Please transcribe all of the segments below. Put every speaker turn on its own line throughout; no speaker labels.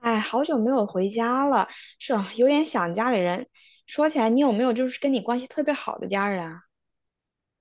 哎，好久没有回家了，是啊有点想家里人。说起来，你有没有就是跟你关系特别好的家人啊？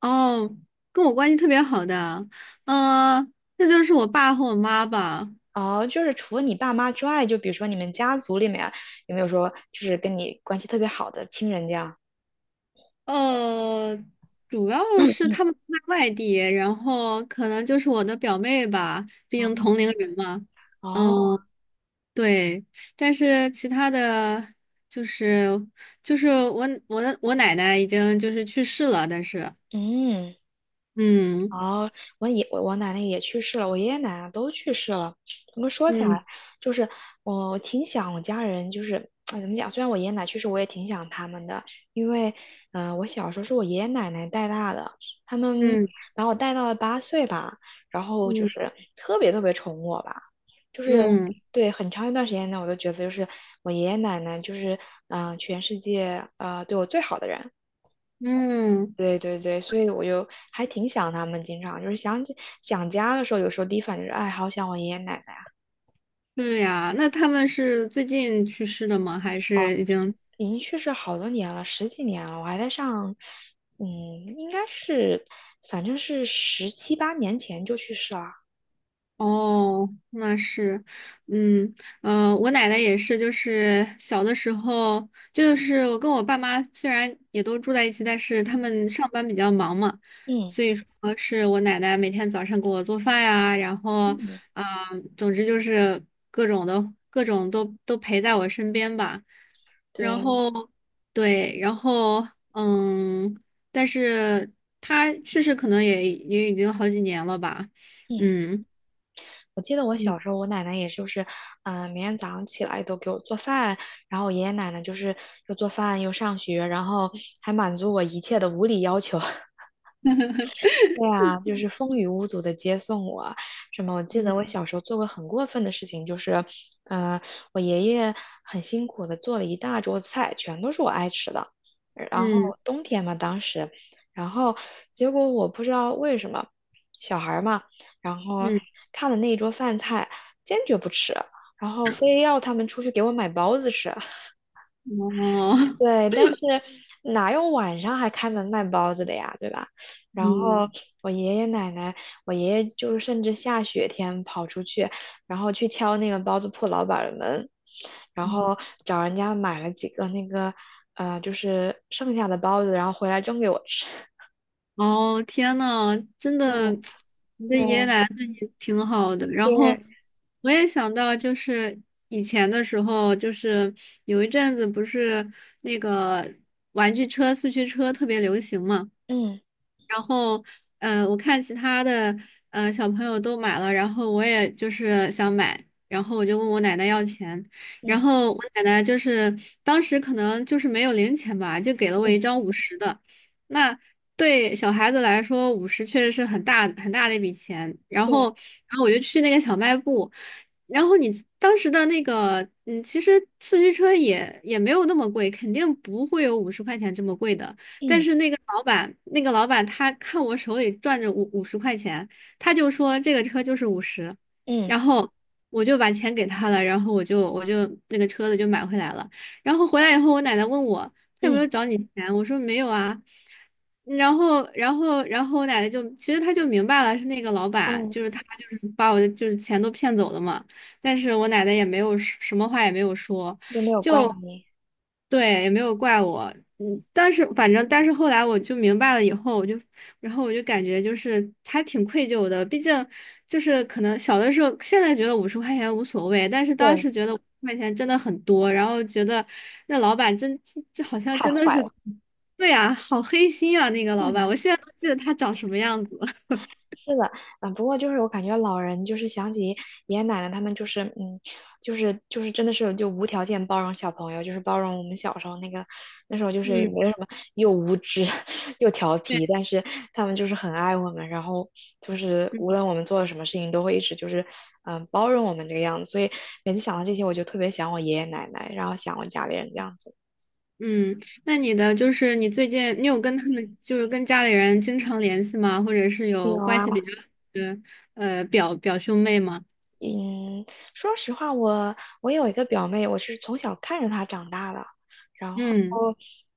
哦，跟我关系特别好的，呃，那就是我爸和我妈吧。
哦，就是除了你爸妈之外，就比如说你们家族里面有没有说就是跟你关系特别好的亲人这样？
呃，主要是他们都在外地，然后可能就是我的表妹吧，毕
啊。
竟同龄人嘛。
哦，
嗯，
哦。
对，但是其他的就是就是我奶奶已经就是去世了，但是
嗯。
嗯
哦，我爷我我奶奶也去世了，我爷爷奶奶都去世了。我么说起
嗯
来，就是我挺想我家人，就是哎怎么讲？虽然我爷爷奶奶去世，我也挺想他们的，因为我小时候是我爷爷奶奶带大的，他们
嗯
把我带到了八岁吧，然后就
嗯
是特别特别宠我吧，就是
嗯
对，很长一段时间呢，我都觉得就是我爷爷奶奶就是全世界啊对我最好的人。
嗯，
对对对，所以我就还挺想他们，经常就是想起想家的时候，有时候第一反应就是，哎，好想我爷爷奶奶。
是呀，那他们是最近去世的吗？还
哦，
是已经？
已经去世好多年了，十几年了，我还在上，嗯，应该是，反正是十七八年前就去世了。
哦，那是，嗯，我奶奶也是，就是小的时候，就是我跟我爸妈虽然也都住在一起，但是他
嗯
们上班比较忙嘛，
嗯。
所以说是我奶奶每天早上给我做饭呀，然后
嗯
啊，总之就是各种都陪在我身边吧，然
对。
后对，然后嗯，但是她去世可能也已经好几年了吧，
嗯。
嗯。
我记得我小时
嗯
候，我奶奶也就是，每天早上起来都给我做饭，然后我爷爷奶奶就是又做饭又上学，然后还满足我一切的无理要求。对啊，就是风雨无阻的接送我。什么？我记得我小时候做过很过分的事情，就是，呃，我爷爷很辛苦的做了一大桌子菜，全都是我爱吃的。然后
嗯
冬天嘛，当时，然后结果我不知道为什么，小孩儿嘛，然后
嗯，
看了那一桌饭菜，坚决不吃，然后非要他们出去给我买包子吃。
哦，
对，但是哪有晚上还开门卖包子的呀，对吧？然后
嗯，
我爷爷奶奶，我爷爷就是甚至下雪天跑出去，然后去敲那个包子铺老板儿的门，然
嗯
后找人家买了几个那个，就是剩下的包子，然后回来蒸给我吃。
哦，天呐，真
对。
的，你的爷爷
对
奶奶对你挺好的。然后
对。
我也想到，就是以前的时候，就是有一阵子不是那个玩具车、四驱车特别流行嘛。
嗯
然后，我看其他的小朋友都买了，然后我也就是想买，然后我就问我奶奶要钱，然
嗯
后我奶奶就是当时可能就是没有零钱吧，就给了我
嗯。
一张五十的，那对小孩子来说，五十确实是很大很大的一笔钱。然后，
对。
然后我就去那个小卖部，然后你当时的那个，其实四驱车也没有那么贵，肯定不会有五十块钱这么贵的。但
嗯
是那个老板他看我手里攥着五十块钱，他就说这个车就是五十，然
嗯
后我就把钱给他了，然后我就那个车子就买回来了。然后回来以后，我奶奶问我。他有没有
嗯
找你钱？我说没有啊。然后我奶奶就其实她就明白了，是那个老板，
嗯。
就是他就是把我的就是钱都骗走了嘛。但是我奶奶也没有说什么话也没有说，
就没有怪
就
你。
对，也没有怪我。嗯，但是反正，但是后来我就明白了以后，然后我就感觉就是还挺愧疚的。毕竟就是可能小的时候，现在觉得五十块钱无所谓，但是当
对。
时觉得五十块钱真的很多，然后觉得那老板真这好像
太
真的
坏
是，
了。
对啊，好黑心啊，那个老板，
嗯。
我现在都记得他长什么样子。
是的。嗯，不过就是我感觉老人就是想起爷爷奶奶他们就是嗯，就是真的是就无条件包容小朋友，就是包容我们小时候那个那时候就是也
嗯，
没有什么又无知 又调
对，
皮，但是他们就是很爱我们，然后就是 无
嗯。
论我们做了什么事情都会一直就是嗯包容我们这个样子，所以每次想到这些我就特别想我爷爷奶奶，然后想我家里人这样子。
嗯，那你的就是你最近你有跟他们就是跟家里人经常联系吗？或者是有
有
关
啊。
系比较好的表兄妹吗？
嗯，说实话，我有一个表妹，我是从小看着她长大的，然后，
嗯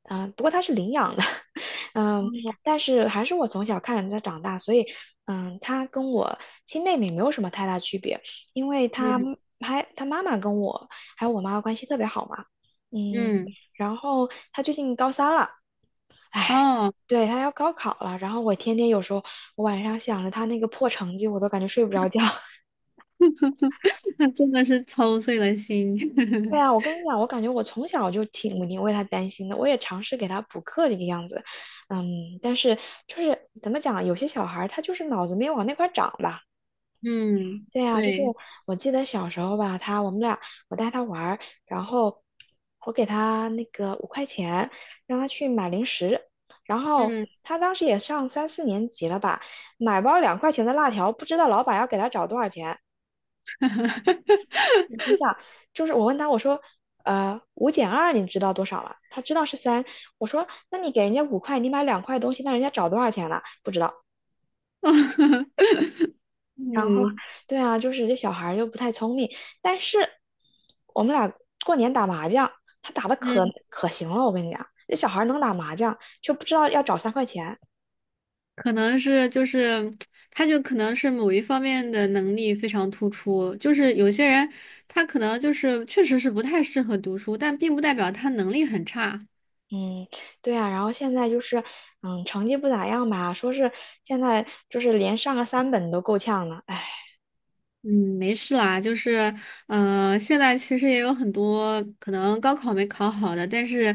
不过她是领养的，嗯，但是还是我从小看着她长大，所以，嗯，她跟我亲妹妹没有什么太大区别，因为她
嗯
还她妈妈跟我还有我妈关系特别好嘛，嗯，
嗯，
然后她最近高三了，
哦，
对，她要高考了，然后我天天有时候我晚上想着她那个破成绩，我都感觉睡不着觉。
那真的是操碎了心。
对 啊，我跟你讲，我感觉我从小就挺为他担心的，我也尝试给他补课这个样子，嗯，但是就是怎么讲，有些小孩儿他就是脑子没往那块儿长吧。
嗯，
对啊，就是
对，
我记得小时候吧，他我们俩我带他玩儿，然后我给他那个5块钱，让他去买零食，然后
嗯，
他当时也上三四年级了吧，买包2块钱的辣条，不知道老板要给他找多少钱。你心想，就是我问他，我说，5减2你知道多少了？他知道是三。我说，那你给人家五块，你买两块东西，那人家找多少钱了？不知道。然后，
嗯
对啊，就是这小孩儿又不太聪明，但是我们俩过年打麻将，他打的可
嗯，
可行了，我跟你讲，这小孩儿能打麻将，就不知道要找3块钱。
可能是就是，他就可能是某一方面的能力非常突出，就是有些人他可能就是确实是不太适合读书，但并不代表他能力很差。
嗯。对啊，然后现在就是，嗯，成绩不咋样吧，说是现在就是连上个三本都够呛了，哎。
嗯，没事啦，就是，现在其实也有很多可能高考没考好的，但是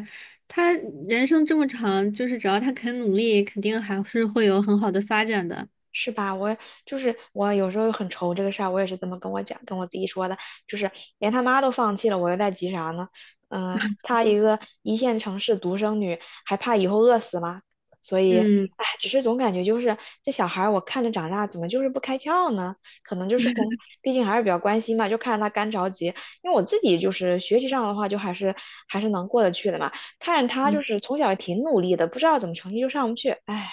他人生这么长，就是只要他肯努力，肯定还是会有很好的发展的。
是吧？我就是我有时候很愁这个事儿，我也是这么跟我讲，跟我自己说的，就是连他妈都放弃了，我又在急啥呢？她一个一线城市独生女，还怕以后饿死吗？所以，哎，
嗯。
只是总感觉就是这小孩，我看着长大，怎么就是不开窍呢？可能就是跟，毕竟还是比较关心嘛，就看着他干着急。因为我自己就是学习上的话，就还是能过得去的嘛。看着他就是从小也挺努力的，不知道怎么成绩就上不去，哎。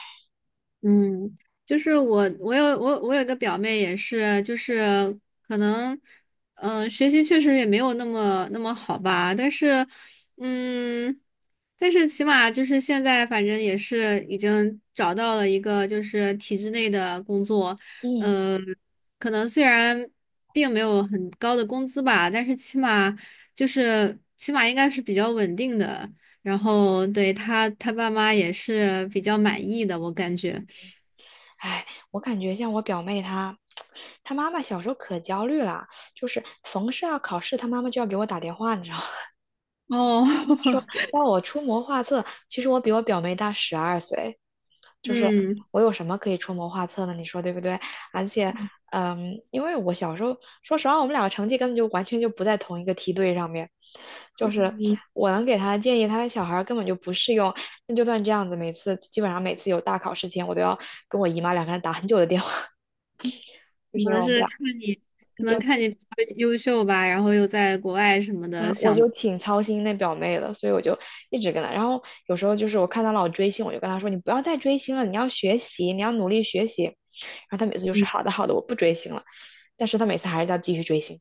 嗯，就是我有个表妹也是，就是可能，学习确实也没有那么那么好吧，但是，嗯，但是起码就是现在反正也是已经找到了一个就是体制内的工作，
嗯。
呃，可能虽然并没有很高的工资吧，但是起码应该是比较稳定的，然后对他爸妈也是比较满意的，我感觉。
哎，我感觉像我表妹她，她妈妈小时候可焦虑了，就是逢是要考试，她妈妈就要给我打电话，你知道吗？
哦，
要我出谋划策。其实我比我表妹大12岁，就是
嗯
我有什么可以出谋划策呢？你说对不对？而且，嗯，因为我小时候，说实话，我们两个成绩根本就完全就不在同一个梯队上面。就是
嗯，
我能给她的建议，她的小孩儿根本就不适用。那就算这样子，基本上每次有大考试前，我都要跟我姨妈2个人打很久的电话，就
可
是因为
能
我们
是
俩
看你，可
就
能看
挺，
你比较优秀吧，然后又在国外什么
嗯，
的，
我
想，
就挺操心那表妹的，所以我就一直跟她。然后有时候就是我看她老追星，我就跟她说："你不要再追星了，你要学习，你要努力学习。"然后她每次就是
嗯
好的好的，我不追星了。但是她每次还是要继续追星，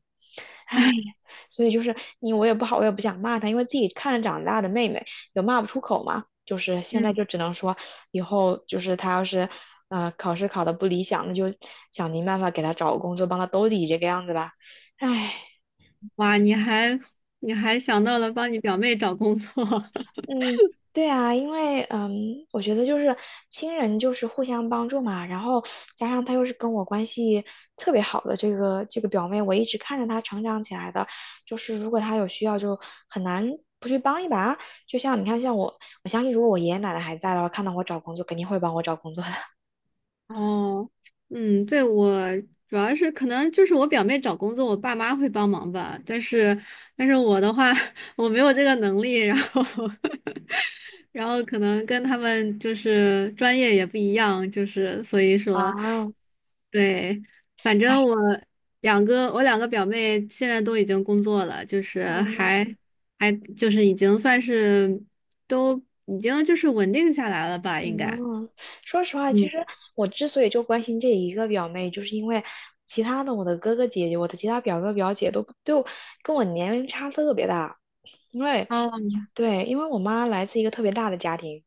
唉，所以就是你我也不好，我也不想骂她，因为自己看着长大的妹妹，有骂不出口嘛。就是现在
嗯，
就只能说，以后就是她要是，考试考得不理想，那就想尽办法给她找个工作，帮她兜底这个样子吧。唉。
哇，你还想到了帮你表妹找工作，
嗯，对啊，因为嗯，我觉得就是亲人就是互相帮助嘛，然后加上她又是跟我关系特别好的这个表妹，我一直看着她成长起来的，就是如果她有需要就很难不去帮一把。就像你看，像我，我相信如果我爷爷奶奶还在的话，看到我找工作肯定会帮我找工作的。
哦，嗯，对，我主要是可能就是我表妹找工作，我爸妈会帮忙吧，但是我的话，我没有这个能力，然后 然后可能跟他们就是专业也不一样，就是所以
啊。
说，对，反
哎。
正我两个表妹现在都已经工作了，就是还就是已经算是都已经就是稳定下来了吧，应该。
嗯，说实话，其
嗯，
实我之所以就关心这一个表妹，就是因为其他的我的哥哥姐姐，我的其他表哥表姐都跟我年龄差特别大，因为
哦，
对，因为我妈来自一个特别大的家庭，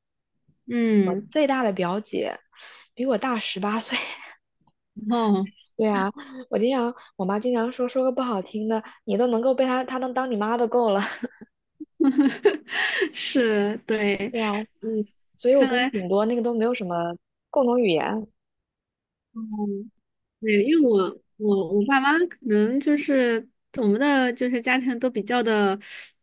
我
嗯，
最大的表姐比我大18岁。
哦，
对啊，我妈经常说个不好听的，你都能够被她能当你妈都够了。
是，对，
对啊，
嗯，
所以我
看
跟
来。
挺多那个都没有什么共同语言
嗯。对，因为我爸妈可能就是我们的就是家庭都比较的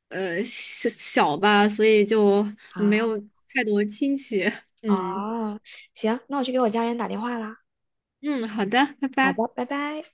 小小吧，所以就没
啊。
有太多亲戚。嗯
哦，行，那我去给我家人打电话啦。
嗯，好的，拜
好
拜。
的，拜拜。